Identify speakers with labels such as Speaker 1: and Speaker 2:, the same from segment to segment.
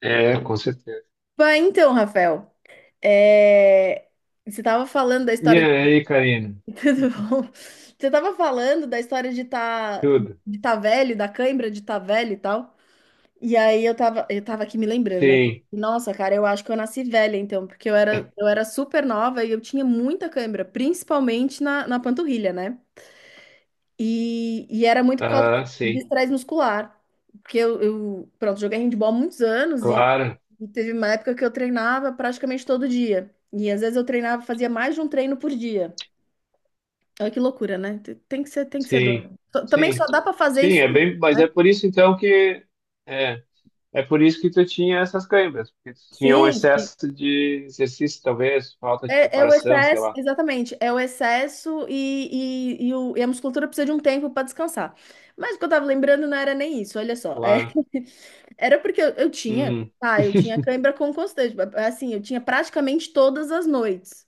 Speaker 1: É, com certeza.
Speaker 2: Bah, então, Rafael, é, você estava falando da
Speaker 1: E
Speaker 2: história de...
Speaker 1: aí, Karina?
Speaker 2: Tudo bom? Você estava falando da história
Speaker 1: Tudo?
Speaker 2: de tá velho, da cãibra de tá velho e tal. E aí eu tava, aqui me lembrando, né?
Speaker 1: Sim.
Speaker 2: Nossa, cara, eu acho que eu nasci velha, então, porque eu era, super nova e eu tinha muita cãibra, principalmente na, panturrilha, né? E era muito por causa
Speaker 1: Aham,
Speaker 2: de
Speaker 1: sim.
Speaker 2: estresse muscular. Porque pronto, joguei handball há muitos anos e,
Speaker 1: Claro.
Speaker 2: e teve uma época que eu treinava praticamente todo dia. E às vezes eu treinava, fazia mais de um treino por dia. Olha que loucura, né? Tem que ser, dor.
Speaker 1: Sim.
Speaker 2: Também
Speaker 1: Sim.
Speaker 2: só dá para fazer
Speaker 1: Sim,
Speaker 2: isso,
Speaker 1: é bem, mas é
Speaker 2: né?
Speaker 1: por isso então que é, é por isso que tu tinha essas câimbras, porque tu tinha um
Speaker 2: Sim,
Speaker 1: excesso de exercício, talvez, falta de
Speaker 2: é o
Speaker 1: preparação, sei
Speaker 2: excesso,
Speaker 1: lá.
Speaker 2: exatamente, é o excesso e a musculatura precisa de um tempo para descansar. Mas o que eu tava lembrando não era nem isso, olha só. É.
Speaker 1: Claro.
Speaker 2: Era porque
Speaker 1: Hum.
Speaker 2: tá, eu tinha cãibra com constante, assim, eu tinha praticamente todas as noites,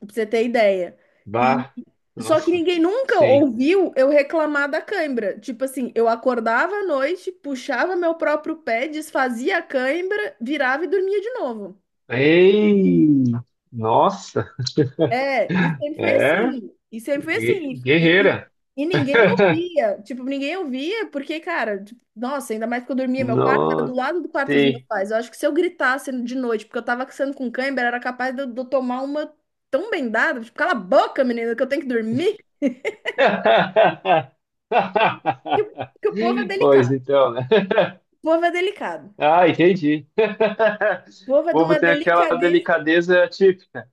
Speaker 2: pra você ter ideia. E
Speaker 1: Bah.
Speaker 2: só que
Speaker 1: Nossa.
Speaker 2: ninguém nunca
Speaker 1: Sim.
Speaker 2: ouviu eu reclamar da cãibra. Tipo assim, eu acordava à noite, puxava meu próprio pé, desfazia a cãibra, virava e dormia de novo.
Speaker 1: Ei! Nossa.
Speaker 2: É, e sempre foi
Speaker 1: É,
Speaker 2: assim. E sempre foi assim. E, e-
Speaker 1: guerreira.
Speaker 2: e ninguém ouvia. Tipo, ninguém ouvia, porque, cara, tipo, nossa, ainda mais que eu dormia, meu quarto era do
Speaker 1: Nossa,
Speaker 2: lado do quarto dos meus
Speaker 1: sim.
Speaker 2: pais. Eu acho que se eu gritasse de noite, porque eu tava sendo com cãibra, era capaz de eu, tomar uma tão bendada. Tipo, cala a boca, menina, que eu tenho que dormir. Que o povo é
Speaker 1: Pois
Speaker 2: delicado.
Speaker 1: então, né?
Speaker 2: O povo é delicado.
Speaker 1: Ah, entendi.
Speaker 2: O povo
Speaker 1: O
Speaker 2: é de
Speaker 1: povo
Speaker 2: uma
Speaker 1: tem aquela
Speaker 2: delicadeza.
Speaker 1: delicadeza típica.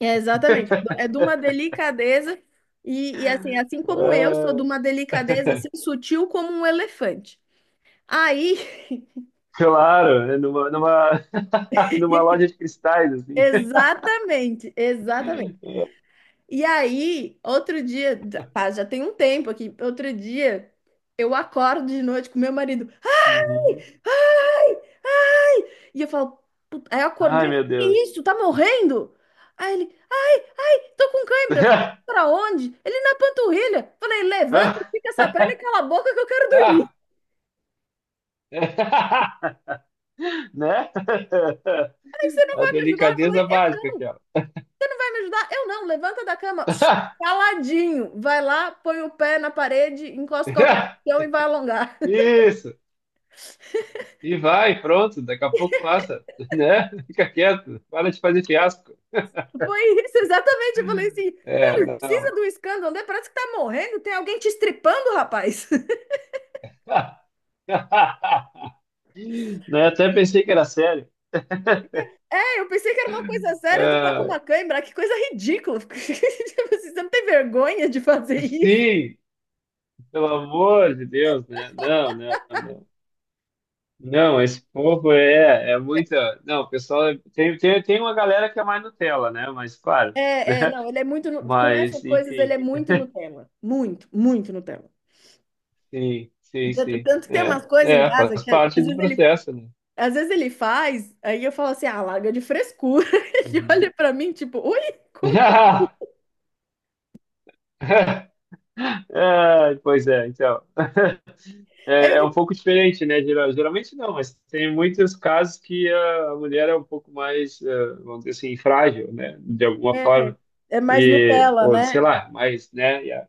Speaker 2: É, exatamente. É de uma delicadeza. E assim como eu sou de
Speaker 1: Ah,
Speaker 2: uma delicadeza assim, sutil como um elefante. Aí,
Speaker 1: claro, né? Numa loja de cristais, assim.
Speaker 2: exatamente, exatamente. E aí, outro dia, pá, já tem um tempo aqui, outro dia, eu acordo de noite com meu marido. Ai,
Speaker 1: Uhum.
Speaker 2: ai! E eu falo, "Puta", aí eu
Speaker 1: Ai,
Speaker 2: acordei,
Speaker 1: meu
Speaker 2: que
Speaker 1: Deus.
Speaker 2: isso? Tá morrendo? Aí ele, tô com cãibra. Eu falei, pra onde? Ele na panturrilha. Eu falei, levanta,
Speaker 1: Ah,
Speaker 2: fica essa perna e cala a boca que eu quero dormir.
Speaker 1: né?
Speaker 2: Aí você não
Speaker 1: A
Speaker 2: vai me ajudar? Eu falei,
Speaker 1: delicadeza
Speaker 2: eu
Speaker 1: básica
Speaker 2: não.
Speaker 1: aquela.
Speaker 2: Me ajudar? Eu não, levanta da cama, caladinho, vai lá, põe o pé na parede, encosta qualquer chão e vai alongar.
Speaker 1: Isso. E vai, pronto, daqui a pouco passa, né? Fica quieto, para de fazer fiasco.
Speaker 2: Foi isso, exatamente. Eu falei assim,
Speaker 1: É,
Speaker 2: cara,
Speaker 1: não.
Speaker 2: precisa do escândalo, né? Parece que tá morrendo, tem alguém te estripando, rapaz.
Speaker 1: Né, até pensei que era sério.
Speaker 2: É, eu pensei que era uma coisa séria, tu tá com
Speaker 1: Ah,
Speaker 2: uma cãibra, que coisa ridícula. Tipo assim, você não tem vergonha de fazer isso?
Speaker 1: sim, pelo amor de Deus, né? Não, não, não. Não, esse povo é, é muita. Não, o pessoal. Tem, tem uma galera que é mais Nutella, né? Mas, claro.
Speaker 2: Não, ele é muito, com essas
Speaker 1: Mas,
Speaker 2: coisas, ele
Speaker 1: enfim.
Speaker 2: é muito no tema. Muito, muito Nutella.
Speaker 1: Sim, sim,
Speaker 2: Tanto
Speaker 1: sim.
Speaker 2: tanto que tem
Speaker 1: É,
Speaker 2: umas coisas em
Speaker 1: é,
Speaker 2: casa
Speaker 1: faz
Speaker 2: que às
Speaker 1: parte do
Speaker 2: vezes ele
Speaker 1: processo, né?
Speaker 2: Às vezes ele faz, aí eu falo assim, ah, larga de frescura. Ele
Speaker 1: Uhum.
Speaker 2: olha pra mim, tipo, ui, como?
Speaker 1: Ah, pois é, então.
Speaker 2: É?"
Speaker 1: É, é um
Speaker 2: Ele,
Speaker 1: pouco diferente, né? Geralmente não, mas tem muitos casos que a mulher é um pouco mais, vamos dizer assim, frágil, né? De alguma
Speaker 2: é,
Speaker 1: forma.
Speaker 2: é mais
Speaker 1: E,
Speaker 2: Nutella,
Speaker 1: ou sei
Speaker 2: né?
Speaker 1: lá, mas, né?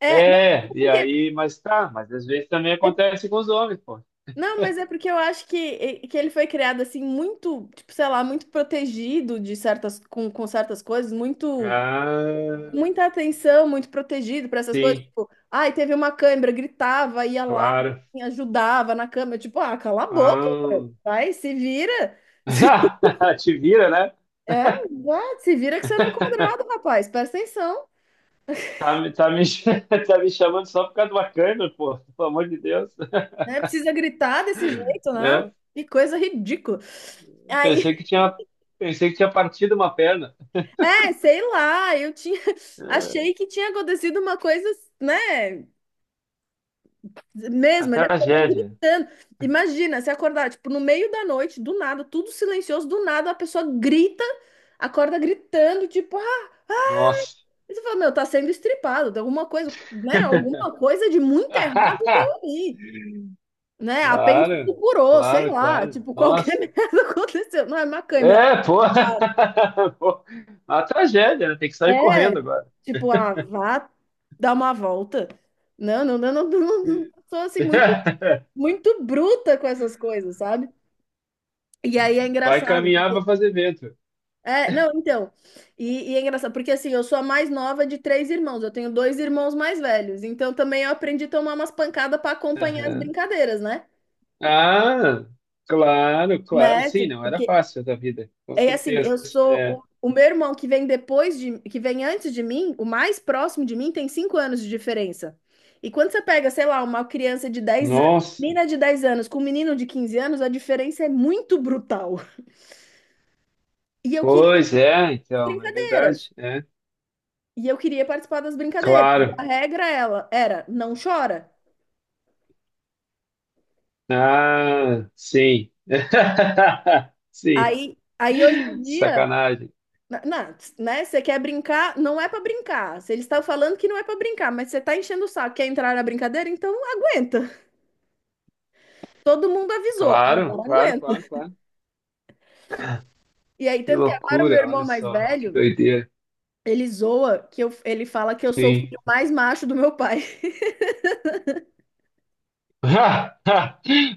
Speaker 2: É, não,
Speaker 1: é, e aí, mas tá, mas às vezes também acontece com os homens, pô.
Speaker 2: não, mas é porque eu acho que ele foi criado assim, muito, tipo, sei lá, muito protegido de certas, com certas coisas, muito,
Speaker 1: Ah,
Speaker 2: muita atenção, muito protegido pra essas coisas.
Speaker 1: sim,
Speaker 2: Tipo, ai, teve uma câimbra, gritava, ia lá,
Speaker 1: claro.
Speaker 2: assim, ajudava na câmera. Tipo, ah, cala a boca,
Speaker 1: Ah,
Speaker 2: meu. Vai, se vira.
Speaker 1: te vira, né?
Speaker 2: É, exato, se vira que você não é quadrado, rapaz. Presta atenção.
Speaker 1: Tá, tá, me, tá me chamando só por causa do bacana, pô, pelo amor de Deus,
Speaker 2: Né? Precisa gritar desse jeito, né?
Speaker 1: né?
Speaker 2: Que coisa ridícula.
Speaker 1: Pensei que
Speaker 2: Aí,
Speaker 1: tinha, pensei que tinha partido uma perna.
Speaker 2: é, sei lá, eu tinha, achei que tinha acontecido uma coisa, né?
Speaker 1: A
Speaker 2: Mesmo, ele acordou
Speaker 1: tragédia.
Speaker 2: gritando. Imagina, se acordar, tipo, no meio da noite, do nada, tudo silencioso, do nada, a pessoa grita, acorda gritando, tipo, ah,
Speaker 1: Nossa.
Speaker 2: e você fala, meu, tá sendo estripado, tem alguma coisa, né? Alguma coisa de muito errado tem ali. Né? Apêndice
Speaker 1: Claro,
Speaker 2: furou, sei
Speaker 1: claro,
Speaker 2: lá,
Speaker 1: claro.
Speaker 2: tipo, qualquer
Speaker 1: Nossa.
Speaker 2: merda aconteceu. Não é macãibra.
Speaker 1: É, pô.
Speaker 2: Vá-
Speaker 1: Pô, a tragédia, né? Tem que sair
Speaker 2: É,
Speaker 1: correndo agora.
Speaker 2: tipo, ah, vá dar uma volta. Não, não, não, não, não, não, sou assim muito, muito bruta com essas coisas, sabe? E aí é
Speaker 1: Vai
Speaker 2: engraçado,
Speaker 1: caminhar
Speaker 2: porque...
Speaker 1: para fazer vento.
Speaker 2: É, não, então, e é engraçado, porque assim, eu sou a mais nova de três irmãos, eu tenho dois irmãos mais velhos, então também eu aprendi a tomar umas pancadas para acompanhar as
Speaker 1: Aham.
Speaker 2: brincadeiras, né?
Speaker 1: Ah, claro, claro.
Speaker 2: Né?
Speaker 1: Sim,
Speaker 2: Tipo,
Speaker 1: não era
Speaker 2: porque
Speaker 1: fácil da vida, com
Speaker 2: é assim,
Speaker 1: certeza. É.
Speaker 2: o meu irmão que vem antes de mim, o mais próximo de mim tem 5 anos de diferença. E quando você pega, sei lá, uma criança de 10 anos,
Speaker 1: Nossa,
Speaker 2: menina de 10 anos com um menino de 15 anos, a diferença é muito brutal. E eu queria
Speaker 1: pois é,
Speaker 2: as
Speaker 1: então, é
Speaker 2: brincadeiras.
Speaker 1: verdade. É.
Speaker 2: E eu queria participar das brincadeiras. A
Speaker 1: Claro.
Speaker 2: regra ela era, não chora.
Speaker 1: Ah, sim. Sim.
Speaker 2: Aí, hoje em dia,
Speaker 1: Sacanagem.
Speaker 2: né, você quer brincar, não é pra brincar. Se eles estão falando que não é pra brincar, mas você tá enchendo o saco, quer entrar na brincadeira, então aguenta. Todo mundo avisou,
Speaker 1: Claro,
Speaker 2: agora
Speaker 1: claro, claro,
Speaker 2: aguenta.
Speaker 1: claro.
Speaker 2: E aí,
Speaker 1: Que
Speaker 2: tanto que agora o meu
Speaker 1: loucura,
Speaker 2: irmão
Speaker 1: olha
Speaker 2: mais
Speaker 1: só, que
Speaker 2: velho,
Speaker 1: doideira.
Speaker 2: ele zoa que eu, ele fala que eu sou o
Speaker 1: Sim.
Speaker 2: filho mais macho do meu pai.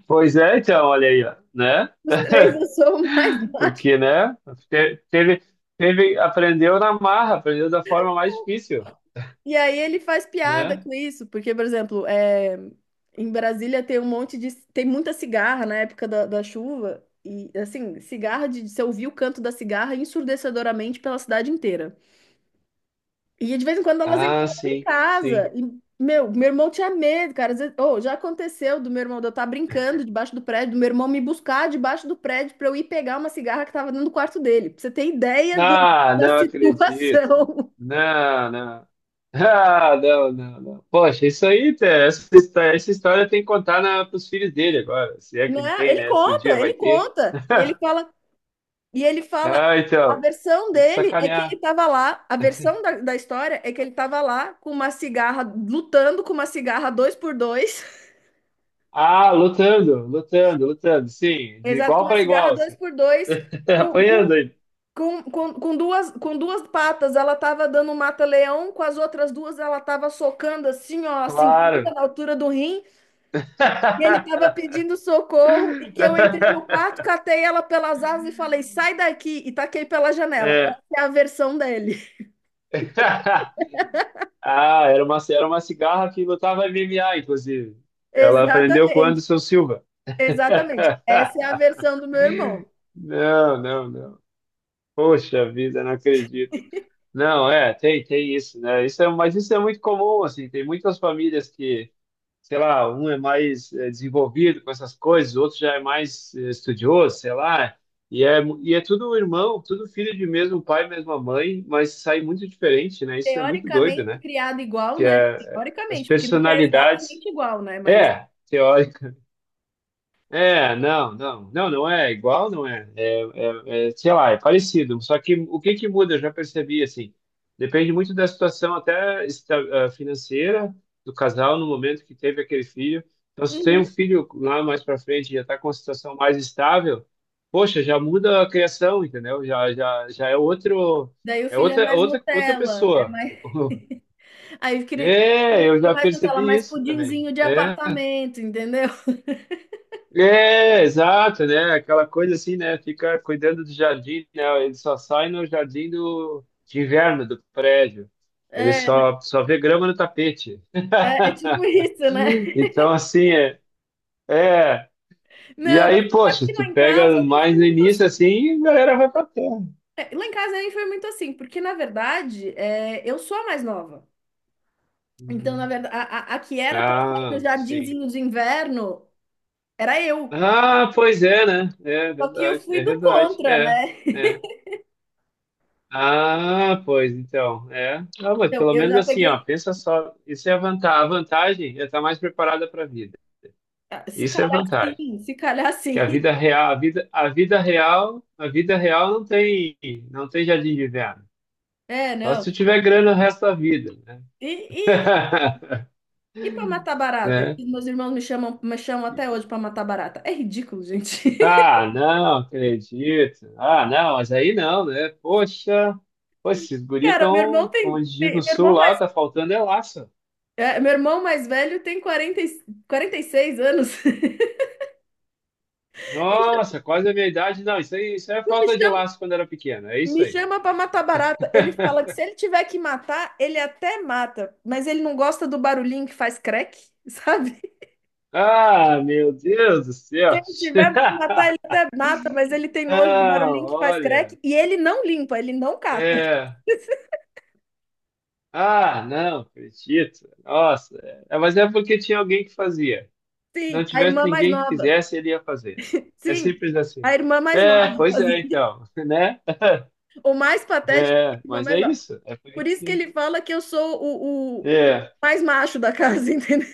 Speaker 1: Pois é, então, olha aí, ó, né?
Speaker 2: Os três eu sou o mais macho.
Speaker 1: Porque, né? Teve, teve, aprendeu na marra, aprendeu da forma mais difícil,
Speaker 2: E aí ele faz piada
Speaker 1: né?
Speaker 2: com isso, porque, por exemplo, em Brasília tem um monte de. Tem muita cigarra na época da, chuva. E assim, cigarra de. Você ouvir o canto da cigarra ensurdecedoramente pela cidade inteira. E de vez em quando elas
Speaker 1: Ah,
Speaker 2: entravam em
Speaker 1: sim, sim.
Speaker 2: casa. E meu irmão tinha medo, cara. Às vezes, oh, já aconteceu do meu irmão, de eu estar brincando debaixo do prédio, do meu irmão me buscar debaixo do prédio pra eu ir pegar uma cigarra que tava dentro do quarto dele. Pra você ter ideia
Speaker 1: Ah,
Speaker 2: da
Speaker 1: não acredito.
Speaker 2: situação.
Speaker 1: Não, não. Ah, não, não, não. Poxa, isso aí, essa história tem que contar para os filhos dele agora, se é
Speaker 2: Né?
Speaker 1: que ele tem,
Speaker 2: Ele
Speaker 1: né? Se o dia
Speaker 2: conta, ele
Speaker 1: vai ter.
Speaker 2: conta. E ele fala, e ele fala,
Speaker 1: Ah,
Speaker 2: a
Speaker 1: então,
Speaker 2: versão
Speaker 1: tem que
Speaker 2: dele é que ele
Speaker 1: sacanear.
Speaker 2: tava lá, a versão da, história é que ele tava lá com uma cigarra, lutando com uma cigarra dois por dois.
Speaker 1: Ah, lutando, lutando, lutando, sim, de
Speaker 2: Exato, com
Speaker 1: igual
Speaker 2: uma
Speaker 1: para
Speaker 2: cigarra
Speaker 1: igual,
Speaker 2: dois
Speaker 1: assim.
Speaker 2: por dois com,
Speaker 1: Apanhando
Speaker 2: com,
Speaker 1: aí,
Speaker 2: com duas patas, ela tava dando um mata-leão, com as outras duas ela tava socando assim, ó, a cinquinha
Speaker 1: claro.
Speaker 2: na altura do rim, e ele tava pedindo socorro, e que eu entrei no quarto, catei ela pelas asas e falei, sai daqui, e taquei pela janela. Essa
Speaker 1: É.
Speaker 2: é a versão dele.
Speaker 1: Ah, era uma cigarra que lutava MMA, inclusive. Ela aprendeu com o
Speaker 2: Exatamente,
Speaker 1: Anderson Silva.
Speaker 2: exatamente. Essa é a versão do meu irmão.
Speaker 1: Não, não, não. Poxa vida, não acredito. Não, é, tem, tem isso, né? Isso é, mas isso é muito comum, assim. Tem muitas famílias que, sei lá, um é mais desenvolvido com essas coisas, o outro já é mais estudioso, sei lá. E é, e é tudo irmão, tudo filho de mesmo pai, mesma mãe, mas sai muito diferente, né? Isso é muito doido,
Speaker 2: Teoricamente
Speaker 1: né?
Speaker 2: criado igual,
Speaker 1: Que
Speaker 2: né?
Speaker 1: é, é, as
Speaker 2: Teoricamente, porque nunca é
Speaker 1: personalidades
Speaker 2: exatamente igual, né? Mas,
Speaker 1: é, teórica. É, não, não, não, não é igual, não é. É, é, sei lá, é parecido. Só que o que que muda, eu já percebi, assim, depende muito da situação até ah, financeira do casal no momento que teve aquele filho. Então, se tem um
Speaker 2: uhum.
Speaker 1: filho lá mais para frente e já está com uma situação mais estável, poxa, já muda a criação, entendeu? Já é outro,
Speaker 2: Daí o
Speaker 1: é
Speaker 2: filho é mais
Speaker 1: outra
Speaker 2: Nutella, é
Speaker 1: pessoa.
Speaker 2: mais... Aí queria
Speaker 1: É, eu
Speaker 2: queria
Speaker 1: já
Speaker 2: mais Nutella,
Speaker 1: percebi
Speaker 2: mais
Speaker 1: isso também.
Speaker 2: pudinzinho de
Speaker 1: É.
Speaker 2: apartamento, entendeu?
Speaker 1: É, exato, né? Aquela coisa assim, né? Fica cuidando do jardim, né? Ele só sai no jardim do, de inverno do prédio. Ele
Speaker 2: É,
Speaker 1: só, só vê grama no tapete.
Speaker 2: é, é tipo isso, né?
Speaker 1: Então, assim, é, é. E
Speaker 2: Não, mas
Speaker 1: aí,
Speaker 2: só
Speaker 1: poxa,
Speaker 2: que lá
Speaker 1: tu
Speaker 2: em
Speaker 1: pega
Speaker 2: casa nem
Speaker 1: mais
Speaker 2: foi
Speaker 1: no
Speaker 2: muito
Speaker 1: início,
Speaker 2: assim.
Speaker 1: assim, e a galera vai pra terra.
Speaker 2: É, lá em casa nem foi muito assim, porque na verdade é, eu sou a mais nova. Então, na
Speaker 1: Uhum.
Speaker 2: verdade, a que era para sair no
Speaker 1: Ah, sim.
Speaker 2: jardinzinho de inverno era eu.
Speaker 1: Ah, pois é, né? É
Speaker 2: Só que eu
Speaker 1: verdade,
Speaker 2: fui
Speaker 1: é
Speaker 2: do
Speaker 1: verdade.
Speaker 2: contra,
Speaker 1: É,
Speaker 2: né?
Speaker 1: é. Ah, pois então, é. Ah, mas
Speaker 2: Então,
Speaker 1: pelo
Speaker 2: eu
Speaker 1: menos
Speaker 2: já
Speaker 1: assim, ó,
Speaker 2: peguei.
Speaker 1: pensa só, isso é a vantagem é estar mais preparada para a vida.
Speaker 2: Ah, se
Speaker 1: Isso é
Speaker 2: calhar
Speaker 1: vantagem.
Speaker 2: sim, se calhar
Speaker 1: Que
Speaker 2: sim.
Speaker 1: a vida real, a vida real não tem, não tem jardim de inverno.
Speaker 2: É,
Speaker 1: Só se
Speaker 2: não.
Speaker 1: tu tiver grana o resto da vida, né?
Speaker 2: E, E pra matar barata,
Speaker 1: Né?
Speaker 2: que meus irmãos me chamam até hoje pra matar barata. É ridículo, gente.
Speaker 1: Ah, não, acredito. Ah, não, mas aí não, né? Poxa, poxa, esses guris
Speaker 2: Cara, meu irmão
Speaker 1: estão, como a
Speaker 2: tem,
Speaker 1: gente diz
Speaker 2: tem-
Speaker 1: no
Speaker 2: meu
Speaker 1: sul
Speaker 2: irmão
Speaker 1: lá,
Speaker 2: mais,
Speaker 1: tá faltando é laço.
Speaker 2: é, meu irmão mais velho tem 46 anos.
Speaker 1: Nossa, quase a minha idade. Não, isso aí é
Speaker 2: Me
Speaker 1: falta de
Speaker 2: chama,
Speaker 1: laço quando era pequeno. É isso
Speaker 2: me
Speaker 1: aí.
Speaker 2: chama para matar barata. Ele fala que se ele tiver que matar, ele até mata, mas ele não gosta do barulhinho que faz crack, sabe?
Speaker 1: Ah, meu Deus do
Speaker 2: Se
Speaker 1: céu.
Speaker 2: ele tiver que matar, ele até mata, mas ele tem nojo do
Speaker 1: Não,
Speaker 2: barulhinho que faz crack
Speaker 1: olha.
Speaker 2: e ele não limpa, ele não cata.
Speaker 1: É. Ah, não, acredito. Nossa, é, mas é porque tinha alguém que fazia. Se não
Speaker 2: Sim, a
Speaker 1: tivesse
Speaker 2: irmã mais
Speaker 1: ninguém que
Speaker 2: nova.
Speaker 1: fizesse, ele ia fazer. É
Speaker 2: Sim,
Speaker 1: simples
Speaker 2: a
Speaker 1: assim.
Speaker 2: irmã mais
Speaker 1: É,
Speaker 2: nova.
Speaker 1: pois é,
Speaker 2: fazia.
Speaker 1: então, né?
Speaker 2: O mais patético é
Speaker 1: É,
Speaker 2: a irmã
Speaker 1: mas
Speaker 2: mais
Speaker 1: é
Speaker 2: nova.
Speaker 1: isso. É por
Speaker 2: Por
Speaker 1: isso
Speaker 2: isso que
Speaker 1: que.
Speaker 2: ele fala que eu sou o
Speaker 1: É.
Speaker 2: mais macho da casa, entendeu?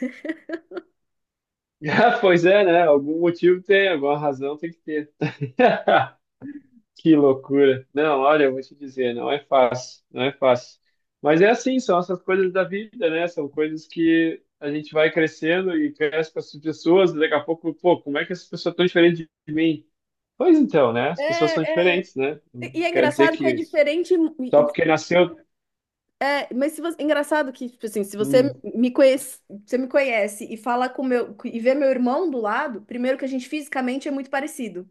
Speaker 1: Ah, pois é, né? Algum motivo tem, alguma razão tem que ter. Que loucura. Não, olha, eu vou te dizer, não é fácil, não é fácil. Mas é assim, são essas coisas da vida, né? São coisas que a gente vai crescendo e cresce com as pessoas, e daqui a pouco, pô, como é que essa pessoa é tão diferente de mim? Pois então, né? As pessoas são
Speaker 2: É, é.
Speaker 1: diferentes, né? Não
Speaker 2: E é
Speaker 1: quer dizer
Speaker 2: engraçado que é
Speaker 1: que
Speaker 2: diferente.
Speaker 1: só porque nasceu.
Speaker 2: É, mas se você, é engraçado que, tipo assim, se você
Speaker 1: Hum.
Speaker 2: me conhece, e fala com meu e vê meu irmão do lado, primeiro que a gente fisicamente é muito parecido.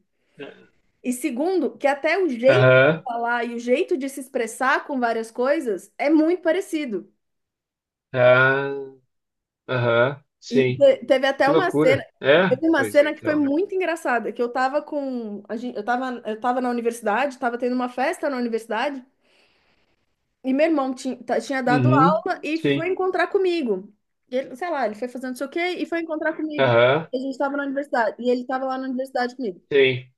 Speaker 2: E segundo, que até o jeito de
Speaker 1: Aham,
Speaker 2: falar e o jeito de se expressar com várias coisas é muito parecido.
Speaker 1: ah, aham,
Speaker 2: E
Speaker 1: sim.
Speaker 2: te- teve até
Speaker 1: Que
Speaker 2: uma cena,
Speaker 1: loucura. É?
Speaker 2: Teve uma
Speaker 1: Pois
Speaker 2: cena que foi
Speaker 1: então, né?
Speaker 2: muito engraçada, que eu tava com, a gente, eu tava na universidade, tava tendo uma festa na universidade, e meu irmão tinha, dado
Speaker 1: Uhum,
Speaker 2: aula e foi
Speaker 1: sim.
Speaker 2: encontrar comigo. E ele, sei lá, ele foi fazendo não sei o quê e foi encontrar comigo.
Speaker 1: Aham,
Speaker 2: E a gente tava na universidade, e ele tava lá na universidade comigo.
Speaker 1: sim.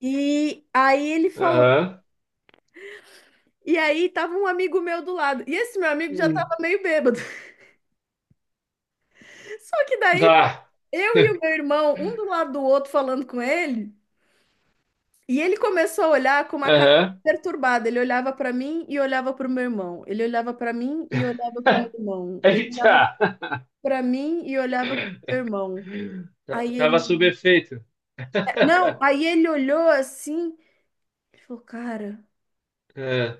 Speaker 2: E aí ele falou,
Speaker 1: Aham.
Speaker 2: e aí tava um amigo meu do lado, e esse meu amigo já tava
Speaker 1: Hum.
Speaker 2: meio bêbado. Só que daí,
Speaker 1: Tá.
Speaker 2: eu e o meu irmão, um do lado do outro falando com ele, e ele começou a olhar com uma cara
Speaker 1: Aham.
Speaker 2: perturbada. Ele olhava para mim e olhava para o meu irmão. Ele olhava para mim e olhava para o meu irmão. Ele olhava
Speaker 1: Eita!
Speaker 2: para mim e olhava para o meu irmão. Aí
Speaker 1: Tava sob
Speaker 2: ele,
Speaker 1: efeito.
Speaker 2: não, aí ele olhou assim e falou, cara,
Speaker 1: É.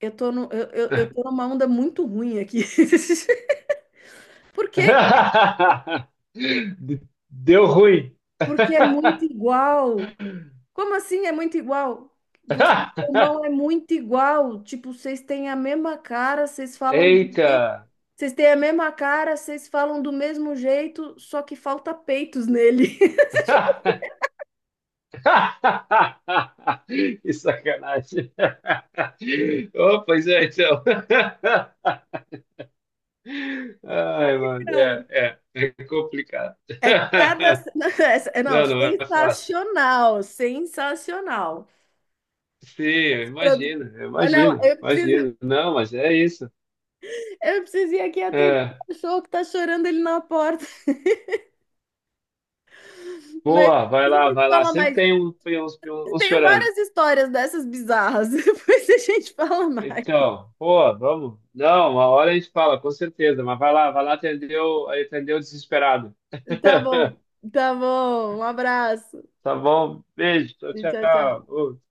Speaker 2: eu tô no, eu tô numa onda muito ruim aqui. Por quê, cara?
Speaker 1: De- Deu ruim.
Speaker 2: Porque é muito igual. Como assim é muito igual? Você e seu irmão é muito igual. Tipo, vocês têm a mesma cara, vocês falam do...
Speaker 1: Eita!
Speaker 2: me- vocês têm a mesma cara, vocês falam do mesmo jeito, só que falta peitos nele.
Speaker 1: Que sacanagem. Oh, pois é, então. Ai, mano,
Speaker 2: Cara,
Speaker 1: é, é, é complicado.
Speaker 2: é cada. Não, é, não,
Speaker 1: Não, não é fácil.
Speaker 2: sensacional, sensacional.
Speaker 1: Sim,
Speaker 2: Produ-
Speaker 1: eu
Speaker 2: Olha lá,
Speaker 1: imagino,
Speaker 2: eu preciso,
Speaker 1: imagino. Não, mas é isso.
Speaker 2: eu preciso ir aqui atender
Speaker 1: É,
Speaker 2: o cachorro que tá chorando ele na porta. Mas
Speaker 1: boa, vai
Speaker 2: depois a
Speaker 1: lá,
Speaker 2: gente
Speaker 1: vai lá.
Speaker 2: fala
Speaker 1: Sempre
Speaker 2: mais.
Speaker 1: tem uns,
Speaker 2: Eu
Speaker 1: uns
Speaker 2: tenho
Speaker 1: chorando.
Speaker 2: várias histórias dessas bizarras. Depois a gente fala mais.
Speaker 1: Então, boa, vamos. Não, uma hora a gente fala, com certeza. Mas vai lá atender atender o desesperado.
Speaker 2: Tá bom, tá bom. Um abraço.
Speaker 1: Tá bom? Beijo, tchau,
Speaker 2: E tchau, tchau.
Speaker 1: tchau. Ô,